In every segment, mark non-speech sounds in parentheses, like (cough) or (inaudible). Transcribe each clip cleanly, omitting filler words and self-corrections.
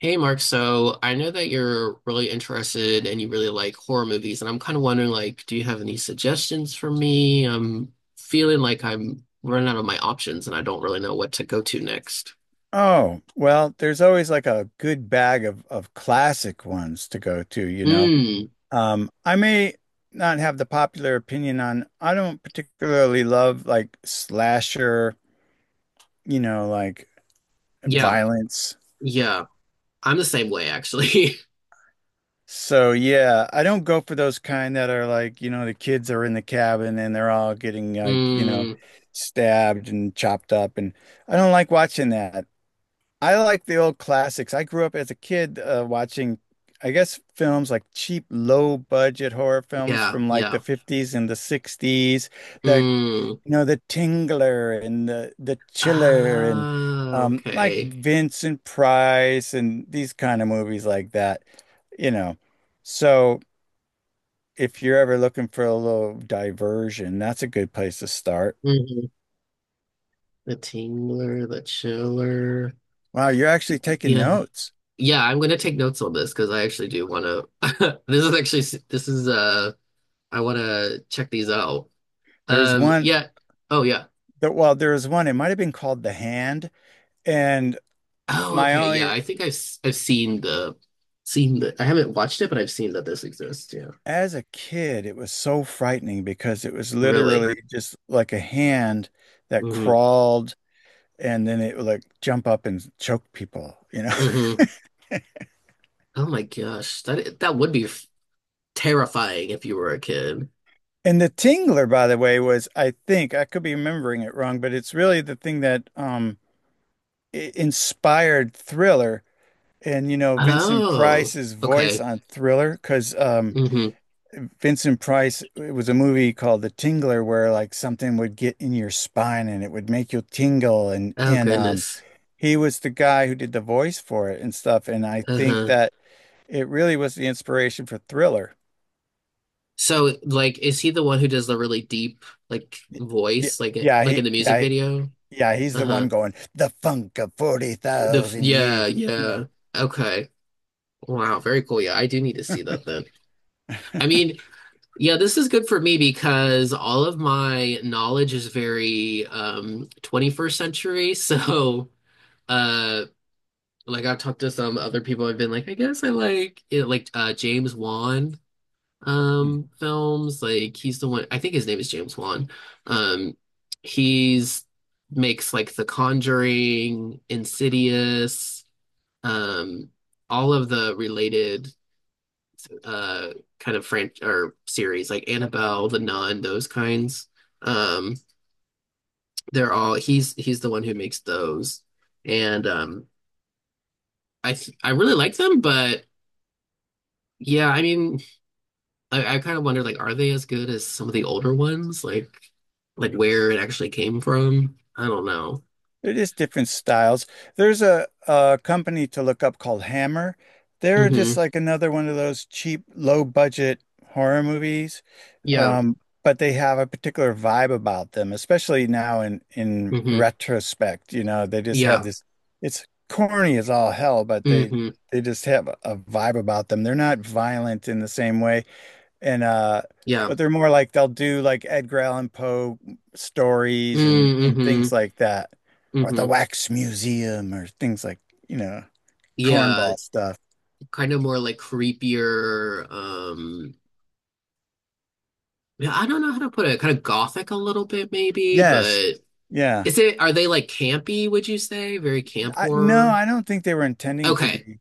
Hey Mark, so I know that you're really interested and you really like horror movies, and I'm kind of wondering, like, do you have any suggestions for me? I'm feeling like I'm running out of my options and I don't really know what to go to next. Oh, well, there's always like a good bag of classic ones to go to, you know. Mm, I may not have the popular opinion on, I don't particularly love like slasher, you know, like yeah, violence. yeah. I'm the same way actually. (laughs) So yeah, I don't go for those kind that are like, you know, the kids are in the cabin and they're all getting like, you know, Mm, stabbed and chopped up and I don't like watching that. I like the old classics. I grew up as a kid watching, I guess, films like cheap, low budget horror films yeah, from like the yeah. 50s and the 60s. The, Mm. you know, The Tingler and the Chiller and Ah, like okay. Vincent Price and these kind of movies like that, you know. So if you're ever looking for a little diversion, that's a good place to start. Hmm. The Tingler, the Chiller. Wow, you're actually taking Yeah, notes. Yeah, I'm going to take notes on this because I actually do want to. (laughs) This is actually this is I want to check these out. There's one Yeah. Oh yeah. that, well, there was one, it might have been called The Hand. And Oh my okay. Yeah, only, I think I've seen the. I haven't watched it but I've seen that this exists. Yeah. as a kid, it was so frightening because it was Really. literally just like a hand that Hmm. crawled and then it would like jump up and choke people, you know? (laughs) Hmm. Oh my gosh. That would terrifying if you were a kid. And the tingler, by the way, was, I think, I could be remembering it wrong, but it's really the thing that inspired Thriller and, you know, Vincent Oh. Price's voice Okay. on Thriller because Hmm. Vincent Price, it was a movie called The Tingler where like something would get in your spine and it would make you tingle and Oh and goodness. he was the guy who did the voice for it and stuff and I think Uh-huh. that it really was the inspiration for Thriller. So, like, is he the one who does the really deep, like, Yeah, voice, like, it, yeah, like, he in the music yeah, video? yeah, he's the Uh-huh. one going the funk of 40,000 Yeah, years, you know. yeah. Okay. Wow, very cool. Yeah, I do need to see that then. I mean, yeah, this is good for me because all of my knowledge is very 21st century. (laughs) So, uh, like, I've talked to some other people. I've been like, James Wan. Mm. Films like he's the one, I think his name is James Wan, um he's makes like The Conjuring, Insidious, um all of the related uh kind of French or series like Annabelle, The Nun, those kinds. um they're all, he's the one who makes those. And I th I really like them, but yeah, I mean, I kind of wonder, like, are they as good as some of the older ones? Like where it actually came from? I don't know. They're just different styles. There's a company to look up called Hammer. They're Hmm. just like another one of those cheap, low budget horror movies. Yeah. But they have a particular vibe about them, especially now in Hmm. retrospect. You know, they just have Yeah. this. It's corny as all hell, but they Hmm. they just have a vibe about them. They're not violent in the same way, and Yeah. but they're more like they'll do like Edgar Allan Poe stories and Mm-hmm. things like that, or Hmm. the Wax Museum or things like, you know, Yeah. cornball stuff. Kind of more like creepier. Um, yeah. I don't know how to put it. Kind of gothic a little bit, maybe. Yes, But yeah. is it? Are they like campy? Would you say very camp I, no, horror? I don't think they were intending to Okay. be.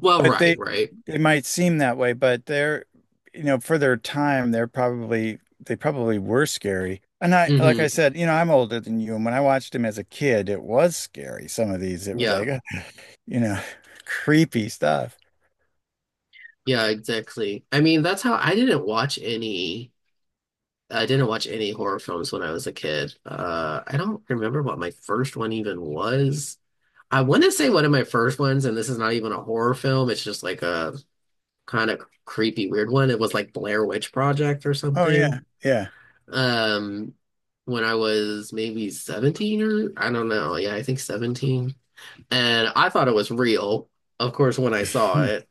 Well, But right. they, Right. it might seem that way, but they're, you know, for their time, they're probably they probably were scary. And I like I Hmm. said, you know, I'm older than you, and when I watched them as a kid, it was scary. Some of these, it was Yeah. like, (laughs) you know, (laughs) creepy stuff. Yeah, exactly. I mean, that's how I didn't watch any. I didn't watch any horror films when I was a kid. I don't remember what my first one even was. I want to say one of my first ones, and this is not even a horror film. It's just like a kind of creepy, weird one. It was like Blair Witch Project or Oh yeah, something. yeah. Um, when I was maybe 17, or I don't know. Yeah, I think 17. And I thought it was real, of course, when I saw Hmm. it,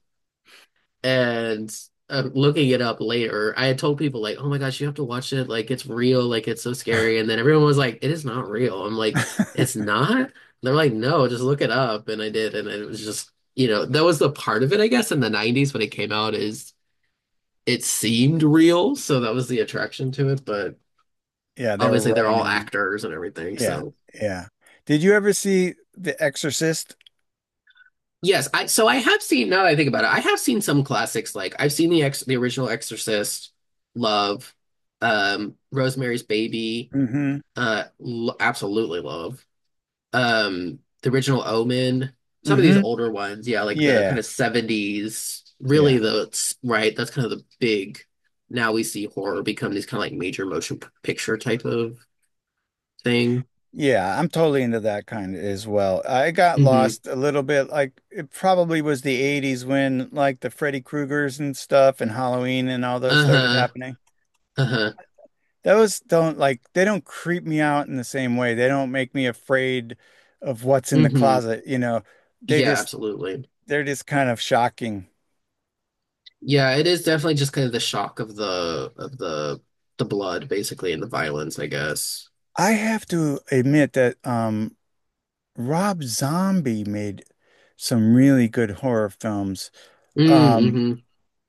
and looking it up later, I had told people like, "Oh my gosh, you have to watch it! Like it's real! Like it's so scary!" And then everyone was like, "It is not real." I'm like, "It's (laughs) not?" And they're like, "No, just look it up." And I did, and it was just, you know, that was the part of it, I guess, in the '90s when it came out, is it seemed real, so that was the attraction to it. But Yeah, they were obviously, they're running all around. actors and everything, Yeah, so yeah. Did you ever see The Exorcist? yes, I so I have seen. Now that I think about it, I have seen some classics, like I've seen the original Exorcist, love, Rosemary's Baby, Mm-hmm. Lo absolutely love. The original Omen, some of these Mm-hmm. older ones, yeah, like the kind Yeah, of 70s, really, yeah. the right, that's kind of the big. Now we see horror become these kind of like major motion picture type of thing. Yeah, I'm totally into that kind as well. I got Hmm. lost a little bit. Like it probably was the 80s when like the Freddy Kruegers and stuff and Halloween and all those started Uh-huh. happening. Uh-huh. Those don't like they don't creep me out in the same way. They don't make me afraid of what's in the Hmm. closet, you know. They Yeah, just absolutely. they're just kind of shocking. Yeah, it is definitely just kind of the shock of the blood, basically, and the violence, I guess. I have to admit that Rob Zombie made some really good horror films. Mm, Um hmm.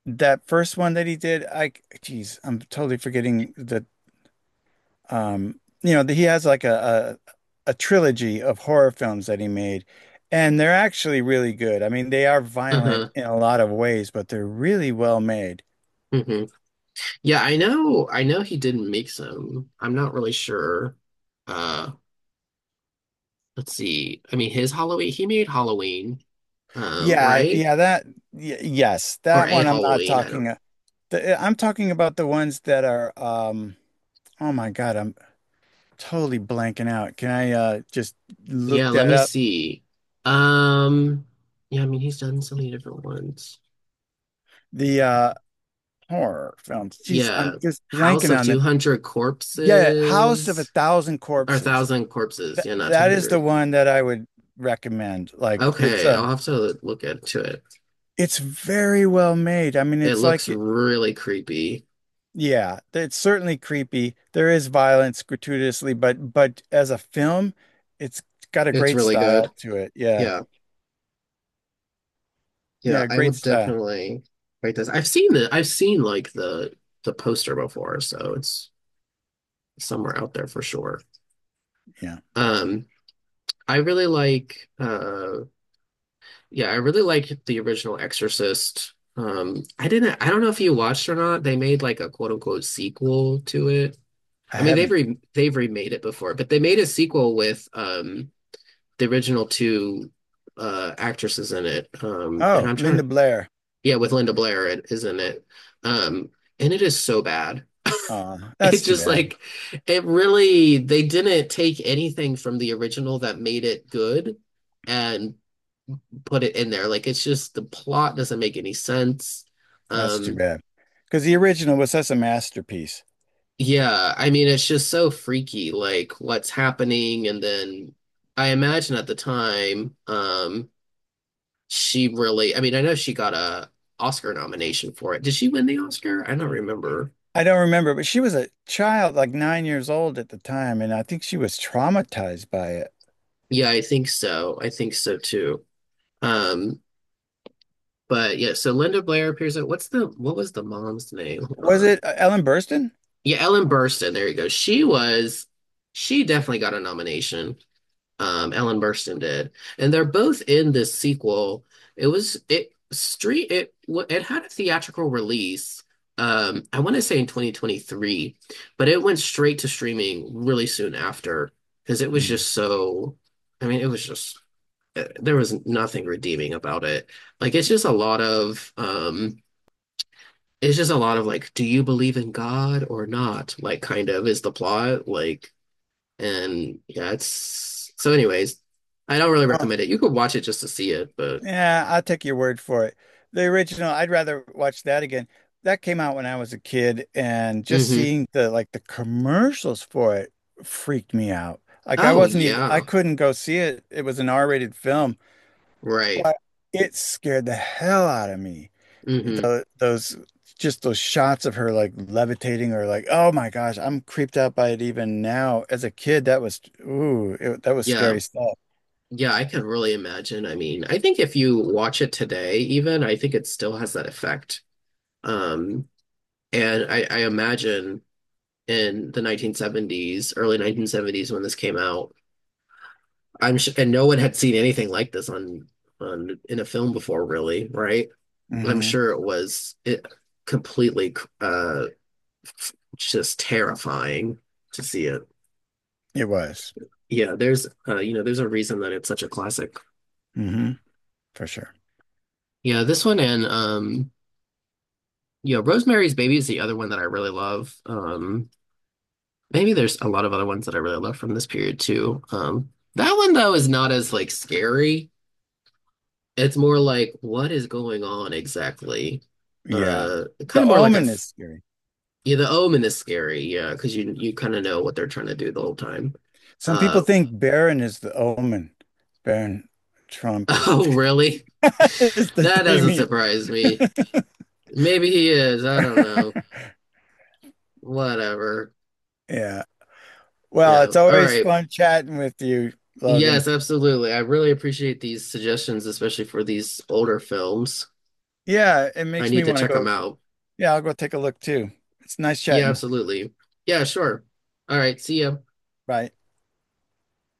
That first one that he did, I, geez, I'm totally forgetting you know, that he has like a a trilogy of horror films that he made, and they're actually really good. I mean, they are violent Uh-huh. in a lot of ways, but they're really well made. Hmm. Yeah, I know. I know he didn't make some. I'm not really sure. Uh, let's see. I mean, his Halloween, he made Halloween, Yeah, right? yeah, that, y yes, Or that a one I'm not Halloween. I don't. talking. I'm talking about the ones that are, oh my God, I'm totally blanking out. Can I just Yeah, look let that me up? see. Um, yeah, I mean, he's done so many different ones. The horror films. Geez, I'm Yeah. just House blanking of on them. 200 Yeah, House of a Corpses. Thousand Or Corpses. thousand corpses. That Yeah, not two that is the hundred. one that I would recommend. Like Okay, I'll have to look into it. it's very well made. I mean, It it's looks like, really creepy. yeah, it's certainly creepy. There is violence gratuitously, but as a film, it's got a It's great really style good. to it. Yeah. Yeah, yeah, Yeah, I will great style. definitely write this. I've seen like the poster before, so it's somewhere out there for sure. Yeah. Um, I really like yeah, I really like the original Exorcist. I don't know if you watched or not. They made like a quote unquote sequel to it. I I mean, haven't. They've remade it before, but they made a sequel with the original two actresses in it. And Oh, I'm trying Linda to Blair. yeah, with Linda Blair, it is in it. Um, and it is so bad. (laughs) That's It's too just bad. like it really they didn't take anything from the original that made it good and put it in there. Like it's just the plot doesn't make any sense. That's too Um, bad. Because the original was such a masterpiece. Yeah, I mean, it's just so freaky, like what's happening. And then I imagine at the time, she really, I mean, I know she got a Oscar nomination for it. Did she win the Oscar? I don't remember. I don't remember, but she was a child, like 9 years old at the time, and I think she was traumatized by it. Yeah, I think so. I think so too. Um, but yeah, so Linda Blair appears at what's the what was the mom's name? Hold Was on. it Ellen Burstyn? Yeah, Ellen Burstyn. There you go. She was, she definitely got a nomination. Um, Ellen Burstyn did. And they're both in this sequel. It was it street it w- it had a theatrical release. I want to say in 2023, but it went straight to streaming really soon after, because it was Hmm. just so, I mean, it was just eh, there was nothing redeeming about it. Like it's just a lot of it's just a lot of like, do you believe in God or not? Like kind of is the plot. Like, and yeah, it's so anyways, I don't really Uh, recommend it. You could watch it just to see it, but yeah, I'll take your word for it. The original, I'd rather watch that again. That came out when I was a kid, and just hmm. seeing the like the commercials for it freaked me out. Like I Oh wasn't even, I yeah, couldn't go see it. It was an R-rated film, right. but it scared the hell out of me. Hmm. The those just those shots of her like levitating or like, oh my gosh, I'm creeped out by it even now. As a kid, that was, ooh, it, that was Yeah. scary stuff. Yeah, I can really imagine. I mean, I think if you watch it today, even, I think it still has that effect. Um, and I imagine in the 1970s, early 1970s when this came out, I'm sure, and no one had seen anything like this on in a film before, really, right? I'm Hmm. sure it was it completely uh just terrifying to see it. It was. Yeah, there's you know, there's a reason that it's such a classic. Hmm. For sure. Yeah, this one and yeah, Rosemary's Baby is the other one that I really love. Um, maybe there's a lot of other ones that I really love from this period too. Um, that one though is not as like scary. It's more like what is going on exactly? Yeah, Kind the of more like Omen is scary. yeah. The Omen is scary, yeah, because you kind of know what they're trying to do the whole time. Some people Uh, think Baron is the Omen. Baron (laughs) Trump is oh, (laughs) really? is the That doesn't Damien. surprise me. (laughs) Maybe he is. I don't know. Whatever. Yeah, well, Yeah. it's All always right. fun chatting with you, Logan. Yes, absolutely. I really appreciate these suggestions, especially for these older films. Yeah, it I makes me need to want to check them go. out. Yeah, I'll go take a look too. It's nice Yeah, chatting. absolutely. Yeah, sure. All right. See ya. Bye.